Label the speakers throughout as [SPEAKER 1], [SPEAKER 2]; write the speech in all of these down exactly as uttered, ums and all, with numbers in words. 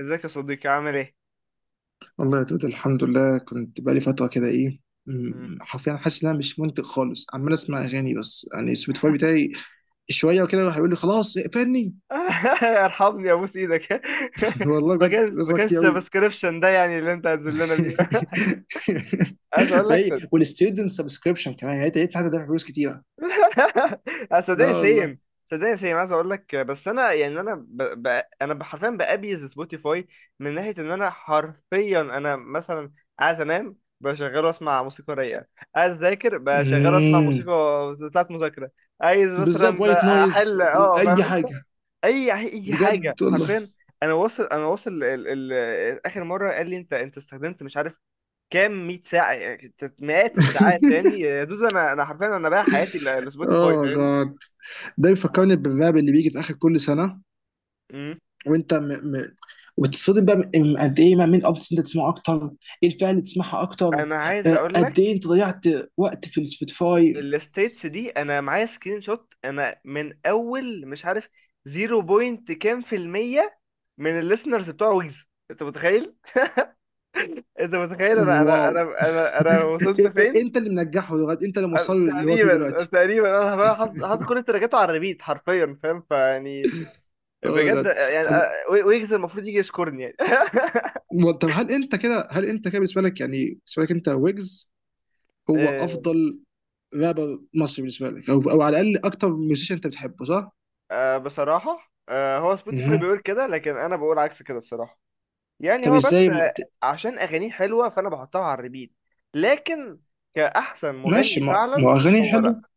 [SPEAKER 1] ازيك يا صديقي عامل ايه؟
[SPEAKER 2] والله يا دود، الحمد لله، كنت بقالي فترة كده إيه
[SPEAKER 1] مم.
[SPEAKER 2] م- حرفيا حاسس إن أنا مش منتج خالص، عمال أسمع أغاني بس، يعني السبوتيفاي بتاعي شوية وكده راح يقول لي خلاص اقفلني.
[SPEAKER 1] ارحمني ابوس ايدك.
[SPEAKER 2] والله
[SPEAKER 1] ما
[SPEAKER 2] بجد
[SPEAKER 1] كانش ما
[SPEAKER 2] بسمع
[SPEAKER 1] كانش
[SPEAKER 2] كتير أوي.
[SPEAKER 1] سبسكريبشن ده يعني اللي انت هتذلنا بيه. عايز اقول لك
[SPEAKER 2] هي
[SPEAKER 1] صد...
[SPEAKER 2] والستودنت سبسكريبشن كمان، يعني لقيت حد دافع فلوس كتيرة.
[SPEAKER 1] آه،
[SPEAKER 2] لا
[SPEAKER 1] صدقني
[SPEAKER 2] والله.
[SPEAKER 1] سيم. صدقني سيم عايز اقول لك، بس انا يعني انا ب... ب... انا ب- حرفيا بأبيز سبوتيفاي، من ناحيه ان انا حرفيا، انا مثلا عايز انام بشغله اسمع موسيقى رايقه، عايز اذاكر بشغله اسمع
[SPEAKER 2] امم،
[SPEAKER 1] موسيقى بتاعت مذاكره، عايز
[SPEAKER 2] بالظبط،
[SPEAKER 1] مثلا
[SPEAKER 2] وايت نويز.
[SPEAKER 1] احل، اه
[SPEAKER 2] أي
[SPEAKER 1] فاهم،
[SPEAKER 2] حاجة.
[SPEAKER 1] اي يعني اي حاجه
[SPEAKER 2] بجد والله.
[SPEAKER 1] حرفيا. انا واصل انا واصل ال... ال... ال- اخر مره قال لي انت انت استخدمت مش عارف كام مية ساعه يعني، مئات الساعات تاني يا دود، انا انا حرفيا انا بايع حياتي ل- لسبوتيفاي،
[SPEAKER 2] اه
[SPEAKER 1] فاهمني؟
[SPEAKER 2] جاد. ده بيفكرني بالراب اللي بيجي في آخر كل سنة.
[SPEAKER 1] أمم.
[SPEAKER 2] وانت م... م... وتتصدم بقى من- قد ايه بقى مين افضل انت تسمعه اكتر، ايه الفئه اللي تسمعها اكتر؟
[SPEAKER 1] انا عايز
[SPEAKER 2] آه،
[SPEAKER 1] اقول
[SPEAKER 2] قد ايه
[SPEAKER 1] لك،
[SPEAKER 2] انت ضيعت وقت في السبوتيفاي؟
[SPEAKER 1] الستيتس دي انا معايا سكرين شوت، انا من اول مش عارف صفر بوينت كام في الميه من الليسنرز بتوع ويجز. انت متخيل؟ انت متخيل انا انا
[SPEAKER 2] واو.
[SPEAKER 1] انا انا, أنا
[SPEAKER 2] إيه-
[SPEAKER 1] وصلت
[SPEAKER 2] إيه-
[SPEAKER 1] فين؟
[SPEAKER 2] انت اللي منجحه دلوقتي، انت اللي
[SPEAKER 1] أنا-
[SPEAKER 2] موصله اللي هو فيه
[SPEAKER 1] تقريبا
[SPEAKER 2] دلوقتي.
[SPEAKER 1] تقريبا انا بقى حاطط حاطط كل التراكات على الريبيت حرفيا، فاهم فيعني؟
[SPEAKER 2] اه
[SPEAKER 1] بجد
[SPEAKER 2] بجد.
[SPEAKER 1] يعني
[SPEAKER 2] هل...
[SPEAKER 1] أ- وي- ويجز المفروض يجي يشكرني يعني.
[SPEAKER 2] و- طب هل انت كده هل انت كده بالنسبه لك، يعني بالنسبه لك انت ويجز هو
[SPEAKER 1] آه،
[SPEAKER 2] افضل رابر مصري بالنسبه لك، او او على الاقل اكتر ميوزيشن انت بتحبه صح؟
[SPEAKER 1] آه، بصراحة، آه، هو سبوتيفاي
[SPEAKER 2] مهم.
[SPEAKER 1] بيقول كده لكن أنا بقول عكس كده الصراحة. يعني
[SPEAKER 2] طب
[SPEAKER 1] هو بس،
[SPEAKER 2] ازاي ما...
[SPEAKER 1] آه،
[SPEAKER 2] ت-
[SPEAKER 1] عشان أغانيه حلوة فأنا بحطها على الريبيت، لكن كأحسن
[SPEAKER 2] ماشي،
[SPEAKER 1] مغني
[SPEAKER 2] ما,
[SPEAKER 1] فعلا
[SPEAKER 2] ما هو
[SPEAKER 1] مش
[SPEAKER 2] اغانيه
[SPEAKER 1] هو،
[SPEAKER 2] حلو.
[SPEAKER 1] لأ.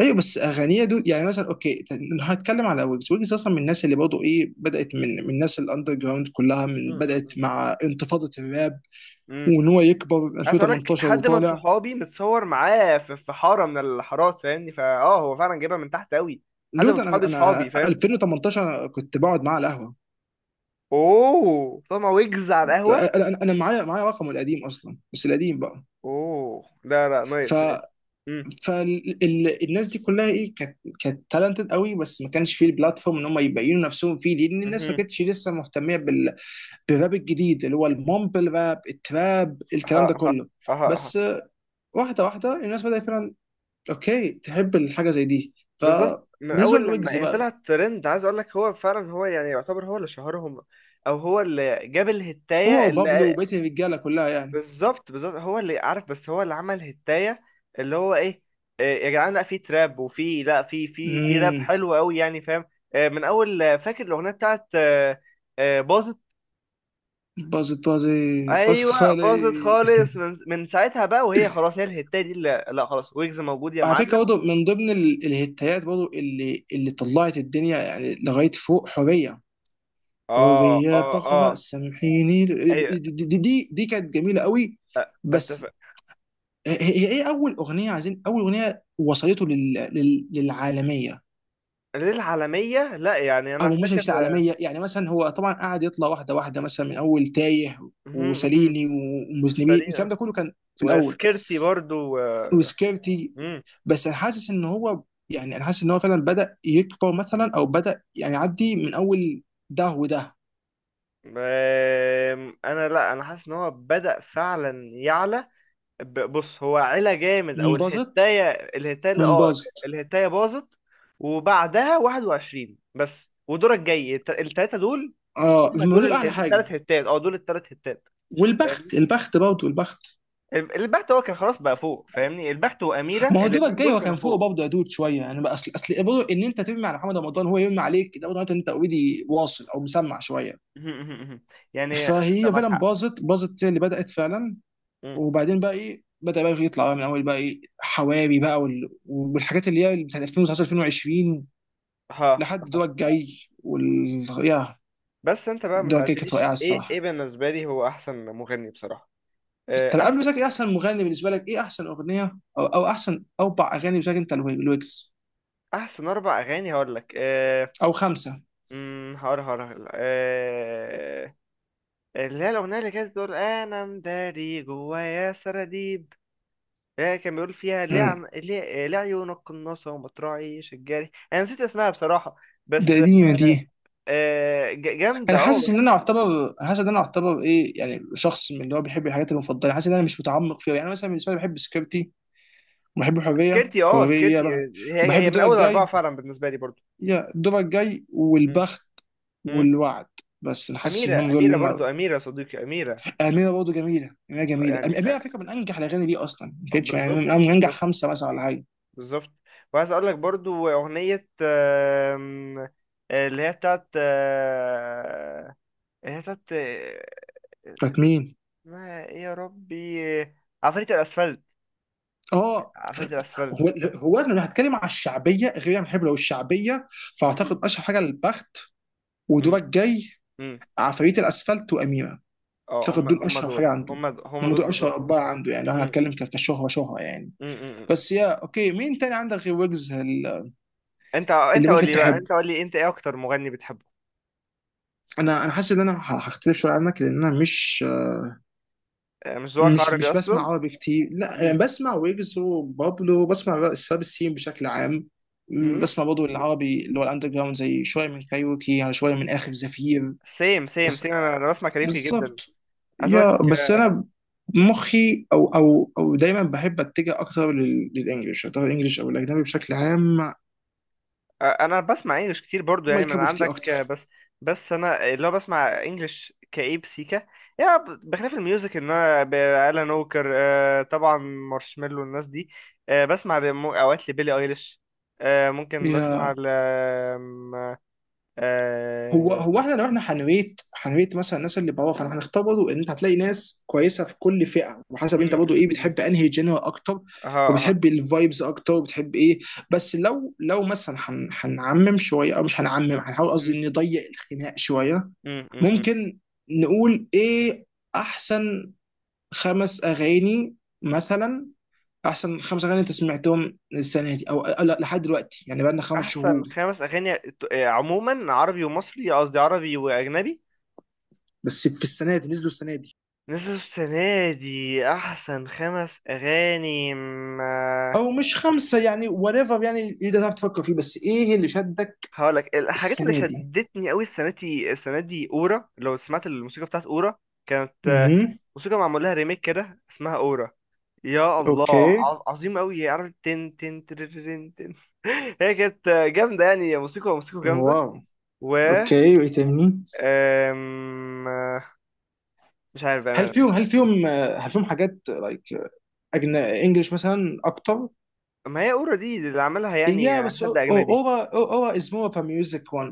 [SPEAKER 2] ايوه بس اغانيه دول، يعني مثلا اوكي لو هتكلم على ويجز، ويجز اصلا من الناس اللي برضه ايه بدات من من الناس الاندر جراوند كلها،
[SPEAKER 1] م-
[SPEAKER 2] من بدات
[SPEAKER 1] م-
[SPEAKER 2] مع انتفاضه الراب
[SPEAKER 1] م. م.
[SPEAKER 2] وان هو يكبر
[SPEAKER 1] عايز أقولك
[SPEAKER 2] ألفين وتمنتاشر
[SPEAKER 1] حد من
[SPEAKER 2] وطالع.
[SPEAKER 1] صحابي متصور معاه في في حارة من الحارات فاهمني، فأه هو فعلا جايبها من تحت أوي، حد
[SPEAKER 2] دود،
[SPEAKER 1] من
[SPEAKER 2] انا
[SPEAKER 1] صحابي صحابي،
[SPEAKER 2] انا
[SPEAKER 1] فاهم؟
[SPEAKER 2] ألفين وتمنتاشر كنت بقعد معاه على القهوه.
[SPEAKER 1] اوه طبعا، ويجز على القهوة.
[SPEAKER 2] انا أنا- أنا معايا معايا رقمه القديم اصلا، بس القديم بقى.
[SPEAKER 1] اوه، لا لا،
[SPEAKER 2] ف
[SPEAKER 1] نايس نايس. امم.
[SPEAKER 2] فالناس دي كلها ايه، كانت كانت تالنتد قوي بس ما كانش فيه البلاتفورم ان هم يبينوا نفسهم فيه، لان الناس ما
[SPEAKER 1] مهم.
[SPEAKER 2] كانتش لسه مهتميه بال بالراب الجديد اللي هو المومبل راب التراب، الكلام
[SPEAKER 1] ها
[SPEAKER 2] ده
[SPEAKER 1] ها.
[SPEAKER 2] كله.
[SPEAKER 1] ها ها.
[SPEAKER 2] بس واحده واحده الناس بدات فعلا، اوكي تحب الحاجه زي دي
[SPEAKER 1] بالظبط، من
[SPEAKER 2] فبالنسبه
[SPEAKER 1] اول لما
[SPEAKER 2] لويجز
[SPEAKER 1] هي
[SPEAKER 2] بقى،
[SPEAKER 1] طلعت ترند عايز اقول لك، هو فعلا، هو يعني يعتبر هو اللي شهرهم، او هو اللي جاب
[SPEAKER 2] هو
[SPEAKER 1] الهتايه
[SPEAKER 2] وبابلو
[SPEAKER 1] اللي،
[SPEAKER 2] وبقيه الرجاله كلها يعني.
[SPEAKER 1] بالظبط بالظبط هو اللي عارف، بس هو اللي عمل هتايه اللي هو ايه، إيه يا جدعان، لا في تراب وفي لا في في في راب
[SPEAKER 2] امم.
[SPEAKER 1] حلو قوي يعني فاهم. آه، من اول، آه، فاكر الاغنيه بتاعت، آه، آه، باظت.
[SPEAKER 2] باظت باظت. باظت
[SPEAKER 1] ايوه
[SPEAKER 2] خالي.
[SPEAKER 1] باظت خالص، من من ساعتها بقى وهي خلاص، هي الهتايه دي اللي، لا خلاص ويجز موجود يا
[SPEAKER 2] على فكره
[SPEAKER 1] معلم.
[SPEAKER 2] برضه من ضمن ال- الهتايات برضه اللي اللي طلعت الدنيا يعني لغايه فوق حريه،
[SPEAKER 1] اه
[SPEAKER 2] حريه
[SPEAKER 1] اه
[SPEAKER 2] بغرة
[SPEAKER 1] اه.
[SPEAKER 2] سامحيني،
[SPEAKER 1] ايوه.
[SPEAKER 2] دي, دي, دي, دي كانت جميله قوي. بس
[SPEAKER 1] اتفق.
[SPEAKER 2] هي هي ايه اول اغنيه، عايزين اول اغنيه وصلته لل... لل... للعالميه.
[SPEAKER 1] للعالميه، لا يعني
[SPEAKER 2] او
[SPEAKER 1] انا
[SPEAKER 2] مش
[SPEAKER 1] فاكر.
[SPEAKER 2] مش العالميه، يعني مثلا هو طبعا قعد يطلع واحده واحده مثلا من اول تايه
[SPEAKER 1] مهم، مهم.
[SPEAKER 2] وساليني ومذنبين،
[SPEAKER 1] سريع.
[SPEAKER 2] الكلام ده كله كان في الاول،
[SPEAKER 1] وسكيرتي برضو. آه،
[SPEAKER 2] وسكيرتي.
[SPEAKER 1] مم.
[SPEAKER 2] بس انا حاسس ان هو، يعني انا حاسس ان هو فعلا بدا يكبر مثلا او بدا يعني يعدي من اول ده وده.
[SPEAKER 1] آم، انا لا، انا حاسس ان هو بدأ فعلا يعلى، ب- بص هو علا جامد، او
[SPEAKER 2] من باظت،
[SPEAKER 1] الهتايه الهتايه اللي
[SPEAKER 2] من
[SPEAKER 1] اه
[SPEAKER 2] باظت.
[SPEAKER 1] الهتايه باظت، وبعدها واحد وعشرين بس ودورك جاي الت- التلاته دول.
[SPEAKER 2] اه،
[SPEAKER 1] هم
[SPEAKER 2] من دول
[SPEAKER 1] دول
[SPEAKER 2] اعلى حاجه.
[SPEAKER 1] الثلاث هتات، اه دول الثلاث هتات. فاهمني؟
[SPEAKER 2] والبخت، البخت برضه البخت.
[SPEAKER 1] البحت هو كان خلاص بقى فوق فاهمني، البحت واميره
[SPEAKER 2] ما هو دوبك
[SPEAKER 1] الاثنين
[SPEAKER 2] جاي
[SPEAKER 1] دول
[SPEAKER 2] هو
[SPEAKER 1] كانوا
[SPEAKER 2] كان فوق
[SPEAKER 1] فوق.
[SPEAKER 2] برضه يا دود، شويه يعني بقى اصل اصل برضه ان انت ترمي على محمد رمضان هو يرمي عليك، ده برضه معناته ان انت اوريدي واصل او مسمع شويه.
[SPEAKER 1] يعني انت
[SPEAKER 2] فهي
[SPEAKER 1] معاك
[SPEAKER 2] فعلا
[SPEAKER 1] حق.
[SPEAKER 2] باظت، باظت هي اللي بدات فعلا.
[SPEAKER 1] مم.
[SPEAKER 2] وبعدين بقى ايه بدا بقى يطلع بقى من اول بقى ايه حواري بقى وال... والحاجات اللي هي بتاعت ألفين وتسعة عشر ألفين وعشرين
[SPEAKER 1] ها
[SPEAKER 2] لحد
[SPEAKER 1] ها.
[SPEAKER 2] دوبك جاي. وال يا
[SPEAKER 1] بس انت بقى ما
[SPEAKER 2] دوبك جاي كانت
[SPEAKER 1] سالتنيش
[SPEAKER 2] واقعه
[SPEAKER 1] ايه، ايه
[SPEAKER 2] الصراحه.
[SPEAKER 1] بالنسبه لي هو احسن مغني بصراحه.
[SPEAKER 2] طب
[SPEAKER 1] آه،
[SPEAKER 2] قبل ما
[SPEAKER 1] احسن.
[SPEAKER 2] اسالك ايه احسن مغني بالنسبه لك، ايه احسن اغنيه، او او احسن اربع اغاني بالنسبه لك انت الويكس
[SPEAKER 1] احسن اربع اغاني هقول لك. أه...
[SPEAKER 2] او خمسه.
[SPEAKER 1] مم، هقول هقول هقول. أه... اللي هي الاغنيه اللي كانت بتقول انا مداري جوايا سراديب، هي كان بيقول فيها ليه
[SPEAKER 2] امم،
[SPEAKER 1] عن... ليه... آه، ليه عيونك قناصة ومطرعي شجاري، أنا نسيت اسمها بصراحة.
[SPEAKER 2] ده،
[SPEAKER 1] بس
[SPEAKER 2] دي دي.
[SPEAKER 1] آه، ج- جامدة
[SPEAKER 2] انا
[SPEAKER 1] اه
[SPEAKER 2] حاسس
[SPEAKER 1] بس.
[SPEAKER 2] ان انا اعتبر انا حاسس ان انا اعتبر ايه، يعني شخص من اللي هو بيحب الحاجات المفضله، حاسس ان انا مش متعمق فيها، يعني مثلا بالنسبه لي بحب سكيورتي وبحب حريه.
[SPEAKER 1] سكرتي اه
[SPEAKER 2] حريه
[SPEAKER 1] سكرتي،
[SPEAKER 2] بقى،
[SPEAKER 1] هي
[SPEAKER 2] وبحب
[SPEAKER 1] هي من
[SPEAKER 2] الدور
[SPEAKER 1] أول أربعة
[SPEAKER 2] الجاي.
[SPEAKER 1] فعلا بالنسبة لي برضو.
[SPEAKER 2] يا الدور الجاي
[SPEAKER 1] مم.
[SPEAKER 2] والبخت
[SPEAKER 1] مم.
[SPEAKER 2] والوعد، بس انا حاسس انهم
[SPEAKER 1] أميرة
[SPEAKER 2] دول
[SPEAKER 1] أميرة
[SPEAKER 2] اللي انا.
[SPEAKER 1] برضو، أميرة صديقي أميرة.
[SPEAKER 2] اميره برضه جميله، اميره جميله،
[SPEAKER 1] يعني
[SPEAKER 2] أم- اميره على
[SPEAKER 1] آه،
[SPEAKER 2] فكره من انجح الاغاني، دي اصلا ما
[SPEAKER 1] آه،
[SPEAKER 2] كانتش يعني
[SPEAKER 1] بالظبط
[SPEAKER 2] من من انجح
[SPEAKER 1] بالظبط.
[SPEAKER 2] خمسه مثلا ولا حاجه.
[SPEAKER 1] بالظبط. وعايز أقول لك برضو أغنية، آم، اللي هي بتاعت، آه، اللي هي بتاعت، آه،
[SPEAKER 2] كانت مين؟
[SPEAKER 1] اسمها إيه يا ربي؟ عفاريت الأسفلت.
[SPEAKER 2] اه.
[SPEAKER 1] عفاريت الأسفلت.
[SPEAKER 2] هو هو انا لو هتكلم على الشعبيه غير، انا بحب لو الشعبيه
[SPEAKER 1] مم.
[SPEAKER 2] فاعتقد اشهر حاجه البخت
[SPEAKER 1] مم.
[SPEAKER 2] ودورك جاي
[SPEAKER 1] مم.
[SPEAKER 2] عفاريت الاسفلت واميره.
[SPEAKER 1] اه
[SPEAKER 2] اعتقد
[SPEAKER 1] هم
[SPEAKER 2] دول
[SPEAKER 1] هم
[SPEAKER 2] اشهر
[SPEAKER 1] دول.
[SPEAKER 2] حاجه عنده،
[SPEAKER 1] هم د- هم
[SPEAKER 2] هم
[SPEAKER 1] دول
[SPEAKER 2] دول اشهر
[SPEAKER 1] بالظبط.
[SPEAKER 2] اربعه عنده يعني لو
[SPEAKER 1] مم.
[SPEAKER 2] هنتكلم ك- كشهره شهره يعني.
[SPEAKER 1] مم. مم.
[SPEAKER 2] بس، يا اوكي، مين تاني عندك غير ويجز ال-
[SPEAKER 1] انت
[SPEAKER 2] اللي
[SPEAKER 1] انت قول
[SPEAKER 2] ممكن
[SPEAKER 1] لي بقى،
[SPEAKER 2] تحب؟
[SPEAKER 1] انت قول لي انت ايه اكتر مغني بتحبه؟
[SPEAKER 2] انا انا حاسس ان انا ه- هختلف شويه عنك لان انا مش
[SPEAKER 1] آه، مش ذوقك
[SPEAKER 2] مش
[SPEAKER 1] عربي
[SPEAKER 2] مش بسمع
[SPEAKER 1] اصلا.
[SPEAKER 2] عربي كتير، لا يعني
[SPEAKER 1] مم.
[SPEAKER 2] بسمع ويجز وبابلو، بسمع سباب السين بشكل عام.
[SPEAKER 1] مم.
[SPEAKER 2] بسمع برضه العربي اللي هو الاندر جراوند زي شويه من كايروكي، يعني شويه من اخر زفير.
[SPEAKER 1] سيم سيم
[SPEAKER 2] بس
[SPEAKER 1] سيم، انا أنا بسمع كاريوكي جدا.
[SPEAKER 2] بالظبط.
[SPEAKER 1] عايز اقولك،
[SPEAKER 2] يا بس
[SPEAKER 1] آه،
[SPEAKER 2] انا مخي او او او دايما بحب اتجه اكتر لل- للانجليش، اعتبر الانجليش او الاجنبي بشكل عام
[SPEAKER 1] آه، انا بسمع انجلش كتير برضو يعني
[SPEAKER 2] ماي
[SPEAKER 1] من
[SPEAKER 2] كاب اوف تي
[SPEAKER 1] عندك، آه،
[SPEAKER 2] اكتر.
[SPEAKER 1] بس. بس انا اللي هو بسمع انجلش كئيب سيكا يعني، ب- بخلاف الميوزك ان انا ب- الان ووكر، آه، طبعا مارشميلو الناس دي. آه، بسمع ل- مو- اوقات لبيلي ايليش. آه، ممكن بسمع
[SPEAKER 2] يا،
[SPEAKER 1] ل آم،
[SPEAKER 2] هو
[SPEAKER 1] آه،
[SPEAKER 2] هو احنا لو احنا هنريت هنريت مثلا الناس اللي بره، فاحنا هنختار برضه ان انت هتلاقي ناس كويسه في كل فئه وحسب انت
[SPEAKER 1] م-
[SPEAKER 2] برضه
[SPEAKER 1] م-
[SPEAKER 2] ايه
[SPEAKER 1] م.
[SPEAKER 2] بتحب انهي جنرال اكتر،
[SPEAKER 1] اها اها.
[SPEAKER 2] وبتحب الفايبز اكتر، وبتحب ايه. بس لو لو مثلا هن- هنعمم شويه او مش هنعمم، هنحاول
[SPEAKER 1] م-
[SPEAKER 2] قصدي نضيق الخناق شويه.
[SPEAKER 1] م- م- م.
[SPEAKER 2] ممكن نقول ايه احسن خمس اغاني مثلا، احسن خمس اغاني انت سمعتهم السنه دي، او أو لا لحد دلوقتي، يعني بقالنا خمس شهور
[SPEAKER 1] احسن خمس اغاني ت- آه، عموما عربي ومصري، قصدي عربي واجنبي.
[SPEAKER 2] بس في السنه دي نزلوا السنه دي،
[SPEAKER 1] نزل السنة دي أحسن خمس أغاني ما.
[SPEAKER 2] او مش خمسه، يعني whatever يعني ايه ده، تعرف تفكر فيه، بس ايه اللي شدك
[SPEAKER 1] هقولك الحاجات اللي
[SPEAKER 2] السنه دي؟
[SPEAKER 1] شدتني أوي السنة دي، السنة دي أورا. لو سمعت الموسيقى بتاعت أورا، كانت آه،
[SPEAKER 2] اها،
[SPEAKER 1] موسيقى معمول لها ريميك كده اسمها أورا. يا الله،
[SPEAKER 2] اوكي.
[SPEAKER 1] عظ- عظيم أوي، عارف؟ تن تن ترررن تن. هي كانت آه، جامدة يعني، موسيقى موسيقى جامدة.
[SPEAKER 2] واو.
[SPEAKER 1] و
[SPEAKER 2] اوكي، وايه تاني؟
[SPEAKER 1] آم، آه، مش عارف
[SPEAKER 2] هل
[SPEAKER 1] بأمانة
[SPEAKER 2] فيهم
[SPEAKER 1] بس.
[SPEAKER 2] هل فيهم آه، هل فيهم حاجات لايك اجنبي انجلش مثلا اكتر؟
[SPEAKER 1] ما هي أورا دي اللي عملها يعني
[SPEAKER 2] يا بس
[SPEAKER 1] حد أجنبي.
[SPEAKER 2] اورا، اورا از مور اوف ميوزك وان.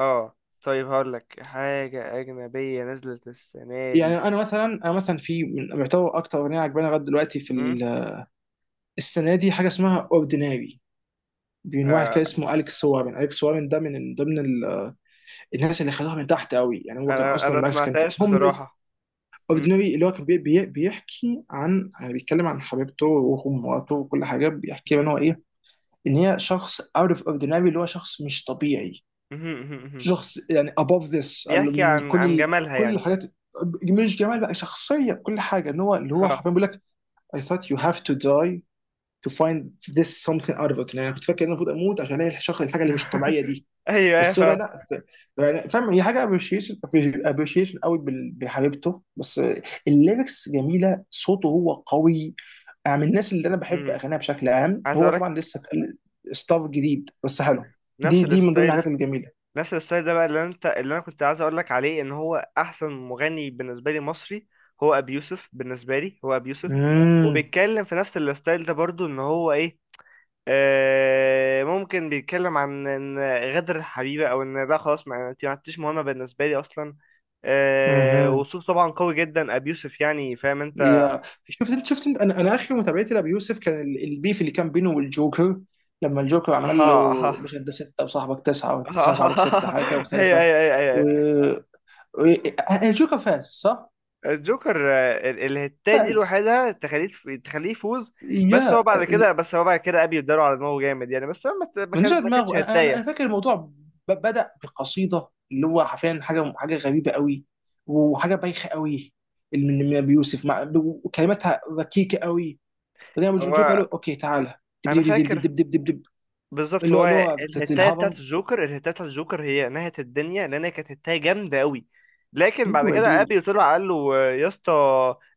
[SPEAKER 1] اه. طيب هقول لك حاجة أجنبية نزلت السنة
[SPEAKER 2] يعني
[SPEAKER 1] دي.
[SPEAKER 2] انا مثلا انا مثلا في، من يعتبر اكتر اغنيه عجباني لغايه دلوقتي في
[SPEAKER 1] مم؟
[SPEAKER 2] ال- السنه دي، حاجه اسمها اورديناري من واحد
[SPEAKER 1] آه.
[SPEAKER 2] كده اسمه اليكس وارن. اليكس وارن ده من ضمن ال- الناس اللي خدوها من تحت قوي يعني، هو كان
[SPEAKER 1] أنا أنا
[SPEAKER 2] اصلا
[SPEAKER 1] ما
[SPEAKER 2] ماكس، كان كان
[SPEAKER 1] سمعتهاش
[SPEAKER 2] هومليس.
[SPEAKER 1] بصراحة. مم.
[SPEAKER 2] اورديناري، اللي هو كان بي بي بيحكي عن، يعني بيتكلم عن حبيبته ومراته وكل حاجه، بيحكي ان
[SPEAKER 1] مهم.
[SPEAKER 2] هو ايه، ان هي شخص اوت اوف اورديناري، اللي هو شخص مش طبيعي،
[SPEAKER 1] مهم. مهم. مهم.
[SPEAKER 2] شخص يعني above this، قال له
[SPEAKER 1] بيحكي
[SPEAKER 2] من
[SPEAKER 1] عن
[SPEAKER 2] كل
[SPEAKER 1] عن
[SPEAKER 2] ال-
[SPEAKER 1] جمالها
[SPEAKER 2] كل
[SPEAKER 1] يعني.
[SPEAKER 2] الحاجات، مش جمال بقى، شخصيه، كل حاجه، ان هو اللي هو
[SPEAKER 1] ها.
[SPEAKER 2] حرفيا بيقول لك I thought you have to die to find this something out of it، يعني أنا كنت فاكر ان انا المفروض اموت عشان الاقي الشخص، الحاجه اللي مش طبيعيه دي.
[SPEAKER 1] أيوه أيوه
[SPEAKER 2] بس هو بقى
[SPEAKER 1] فاهم.
[SPEAKER 2] لا. ف- يعني فاهم، هي حاجه ابريشيشن، ابريشيشن قوي بال- بحبيبته بس، الليركس جميله، صوته هو قوي، يعني من الناس اللي انا بحب
[SPEAKER 1] مم.
[SPEAKER 2] اغانيها بشكل عام،
[SPEAKER 1] عايز
[SPEAKER 2] هو
[SPEAKER 1] أقول
[SPEAKER 2] طبعا
[SPEAKER 1] لك
[SPEAKER 2] لسه ستاف جديد بس حلو. دي
[SPEAKER 1] نفس
[SPEAKER 2] دي من ضمن
[SPEAKER 1] الستايل.
[SPEAKER 2] الحاجات الجميله.
[SPEAKER 1] نفس الستايل ده بقى اللي أنت اللي أنا كنت عايز أقول لك عليه، إن هو أحسن مغني بالنسبة لي مصري، هو أبي يوسف. بالنسبة لي هو أبي يوسف، وبيتكلم في نفس الستايل ده برضو إن هو إيه، آه، ممكن بيتكلم عن ان غدر الحبيبه، او ان ده خلاص، ما انت ما عدتيش مهمه بالنسبه لي اصلا. آه،
[SPEAKER 2] امم.
[SPEAKER 1] وصوت طبعا قوي جدا ابي يوسف يعني، فاهم انت؟
[SPEAKER 2] يا. شفت انت شفت انت انا، انا اخر متابعتي لابي يوسف كان ال- البيف اللي كان بينه والجوكر، لما الجوكر عمل
[SPEAKER 1] اها
[SPEAKER 2] له،
[SPEAKER 1] اها.
[SPEAKER 2] مش انت سته وصاحبك تسعه، وتسعه صاحبك سته،
[SPEAKER 1] اها.
[SPEAKER 2] حاجه كده
[SPEAKER 1] هي
[SPEAKER 2] مختلفه.
[SPEAKER 1] هي هي
[SPEAKER 2] و...
[SPEAKER 1] هي.
[SPEAKER 2] و... الجوكر فاز صح؟
[SPEAKER 1] الجوكر، آه، ال- الهتاية دي
[SPEAKER 2] فاز.
[SPEAKER 1] لوحدها تخليه، تخليه يفوز. بس هو
[SPEAKER 2] يا،
[SPEAKER 1] بعد كده، بس هو بعد كده ابي اداله على دماغه جامد يعني، بس هو ما ت- ما
[SPEAKER 2] من
[SPEAKER 1] كان-
[SPEAKER 2] نزع
[SPEAKER 1] ما كانتش
[SPEAKER 2] دماغه، انا انا انا
[SPEAKER 1] هتاية.
[SPEAKER 2] فاكر الموضوع ب... بدأ بقصيده، اللي هو حرفيا حاجه حاجه غريبه قوي وحاجه بايخه قوي، اللي من من ابي يوسف، مع، وكلماتها ركيكه قوي، وبعدين الجوكر قال
[SPEAKER 1] هو
[SPEAKER 2] له اوكي تعالى، دب
[SPEAKER 1] انا
[SPEAKER 2] دب دب دب
[SPEAKER 1] فاكر،
[SPEAKER 2] دب دب دب دب.
[SPEAKER 1] بالظبط
[SPEAKER 2] اللي هو
[SPEAKER 1] هو
[SPEAKER 2] اللي هو بتاعت
[SPEAKER 1] الهتاية بتاعت
[SPEAKER 2] الهرم.
[SPEAKER 1] الجوكر، الهتاية بتاعت الجوكر هي نهت الدنيا لان هي كانت هتاية جامدة قوي، لكن بعد
[SPEAKER 2] ايوه يا
[SPEAKER 1] كده
[SPEAKER 2] دود.
[SPEAKER 1] ابي طلع قال له يا اسطى.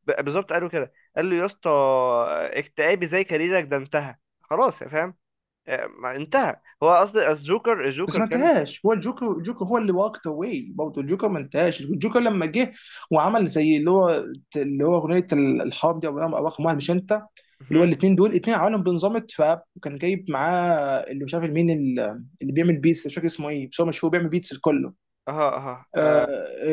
[SPEAKER 1] ب- بالظبط قال له كده، قال له يا اسطى، اكتئابي زي كاريرك ده انتهى خلاص يا فاهم. آه، ما انتهى هو قصدي، الجوكر
[SPEAKER 2] بس
[SPEAKER 1] الجوكر
[SPEAKER 2] ما
[SPEAKER 1] كان.
[SPEAKER 2] انتهاش هو، الجوكر الجوكر هو اللي واكت اواي برضه، الجوكر ما انتهاش، الجوكر لما جه وعمل زي اللي هو اللي هو اغنيه الحرب دي، او رقم رقم واحد مش انت، اللي هو
[SPEAKER 1] مهم.
[SPEAKER 2] الاثنين دول، الاثنين عملهم بنظام التراب، وكان جايب معاه اللي مش عارف مين، اللي اللي بيعمل بيتس، مش فاكر اسمه ايه، بس هو مشهور بيعمل بيتس الكله.
[SPEAKER 1] اها اها.
[SPEAKER 2] آه
[SPEAKER 1] آه،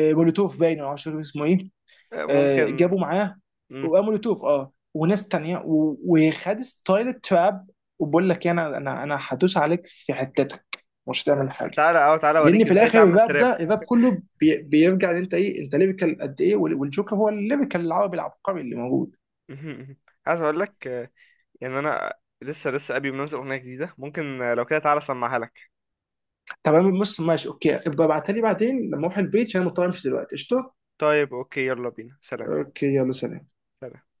[SPEAKER 2] آه، مولوتوف باين، أو مش فاكر اسمه ايه.
[SPEAKER 1] آه،
[SPEAKER 2] آه،
[SPEAKER 1] ممكن.
[SPEAKER 2] جابوا معاه
[SPEAKER 1] مم.
[SPEAKER 2] ومولوتوف اه وناس تانية، و- وخد ستايل التراب، وبقول لك انا انا انا هدوس عليك في حتتك، مش هتعمل حاجه.
[SPEAKER 1] تعالى اه تعالى
[SPEAKER 2] لان
[SPEAKER 1] اوريك
[SPEAKER 2] في
[SPEAKER 1] ازاي
[SPEAKER 2] الاخر
[SPEAKER 1] تعمل
[SPEAKER 2] الراب
[SPEAKER 1] تراب.
[SPEAKER 2] ده، الراب كله بي- بيرجع ان انت ايه، انت ليبيكال قد ايه، وال- والجوكر هو الليبيكال العربي العبقري اللي موجود.
[SPEAKER 1] مهم، مهم. عايز اقول لك، آه، يعني انا لسه، لسه ابي منزل اغنية جديدة ممكن، آه، لو كده تعالى اسمعها لك.
[SPEAKER 2] تمام، بص ماشي اوكي ابقى ابعتها لي بعدين لما اروح البيت عشان مضطر امشي دلوقتي، قشطه.
[SPEAKER 1] طيب اوكي يلا بينا، سلام.
[SPEAKER 2] اوكي يلا سلام.
[SPEAKER 1] سلام.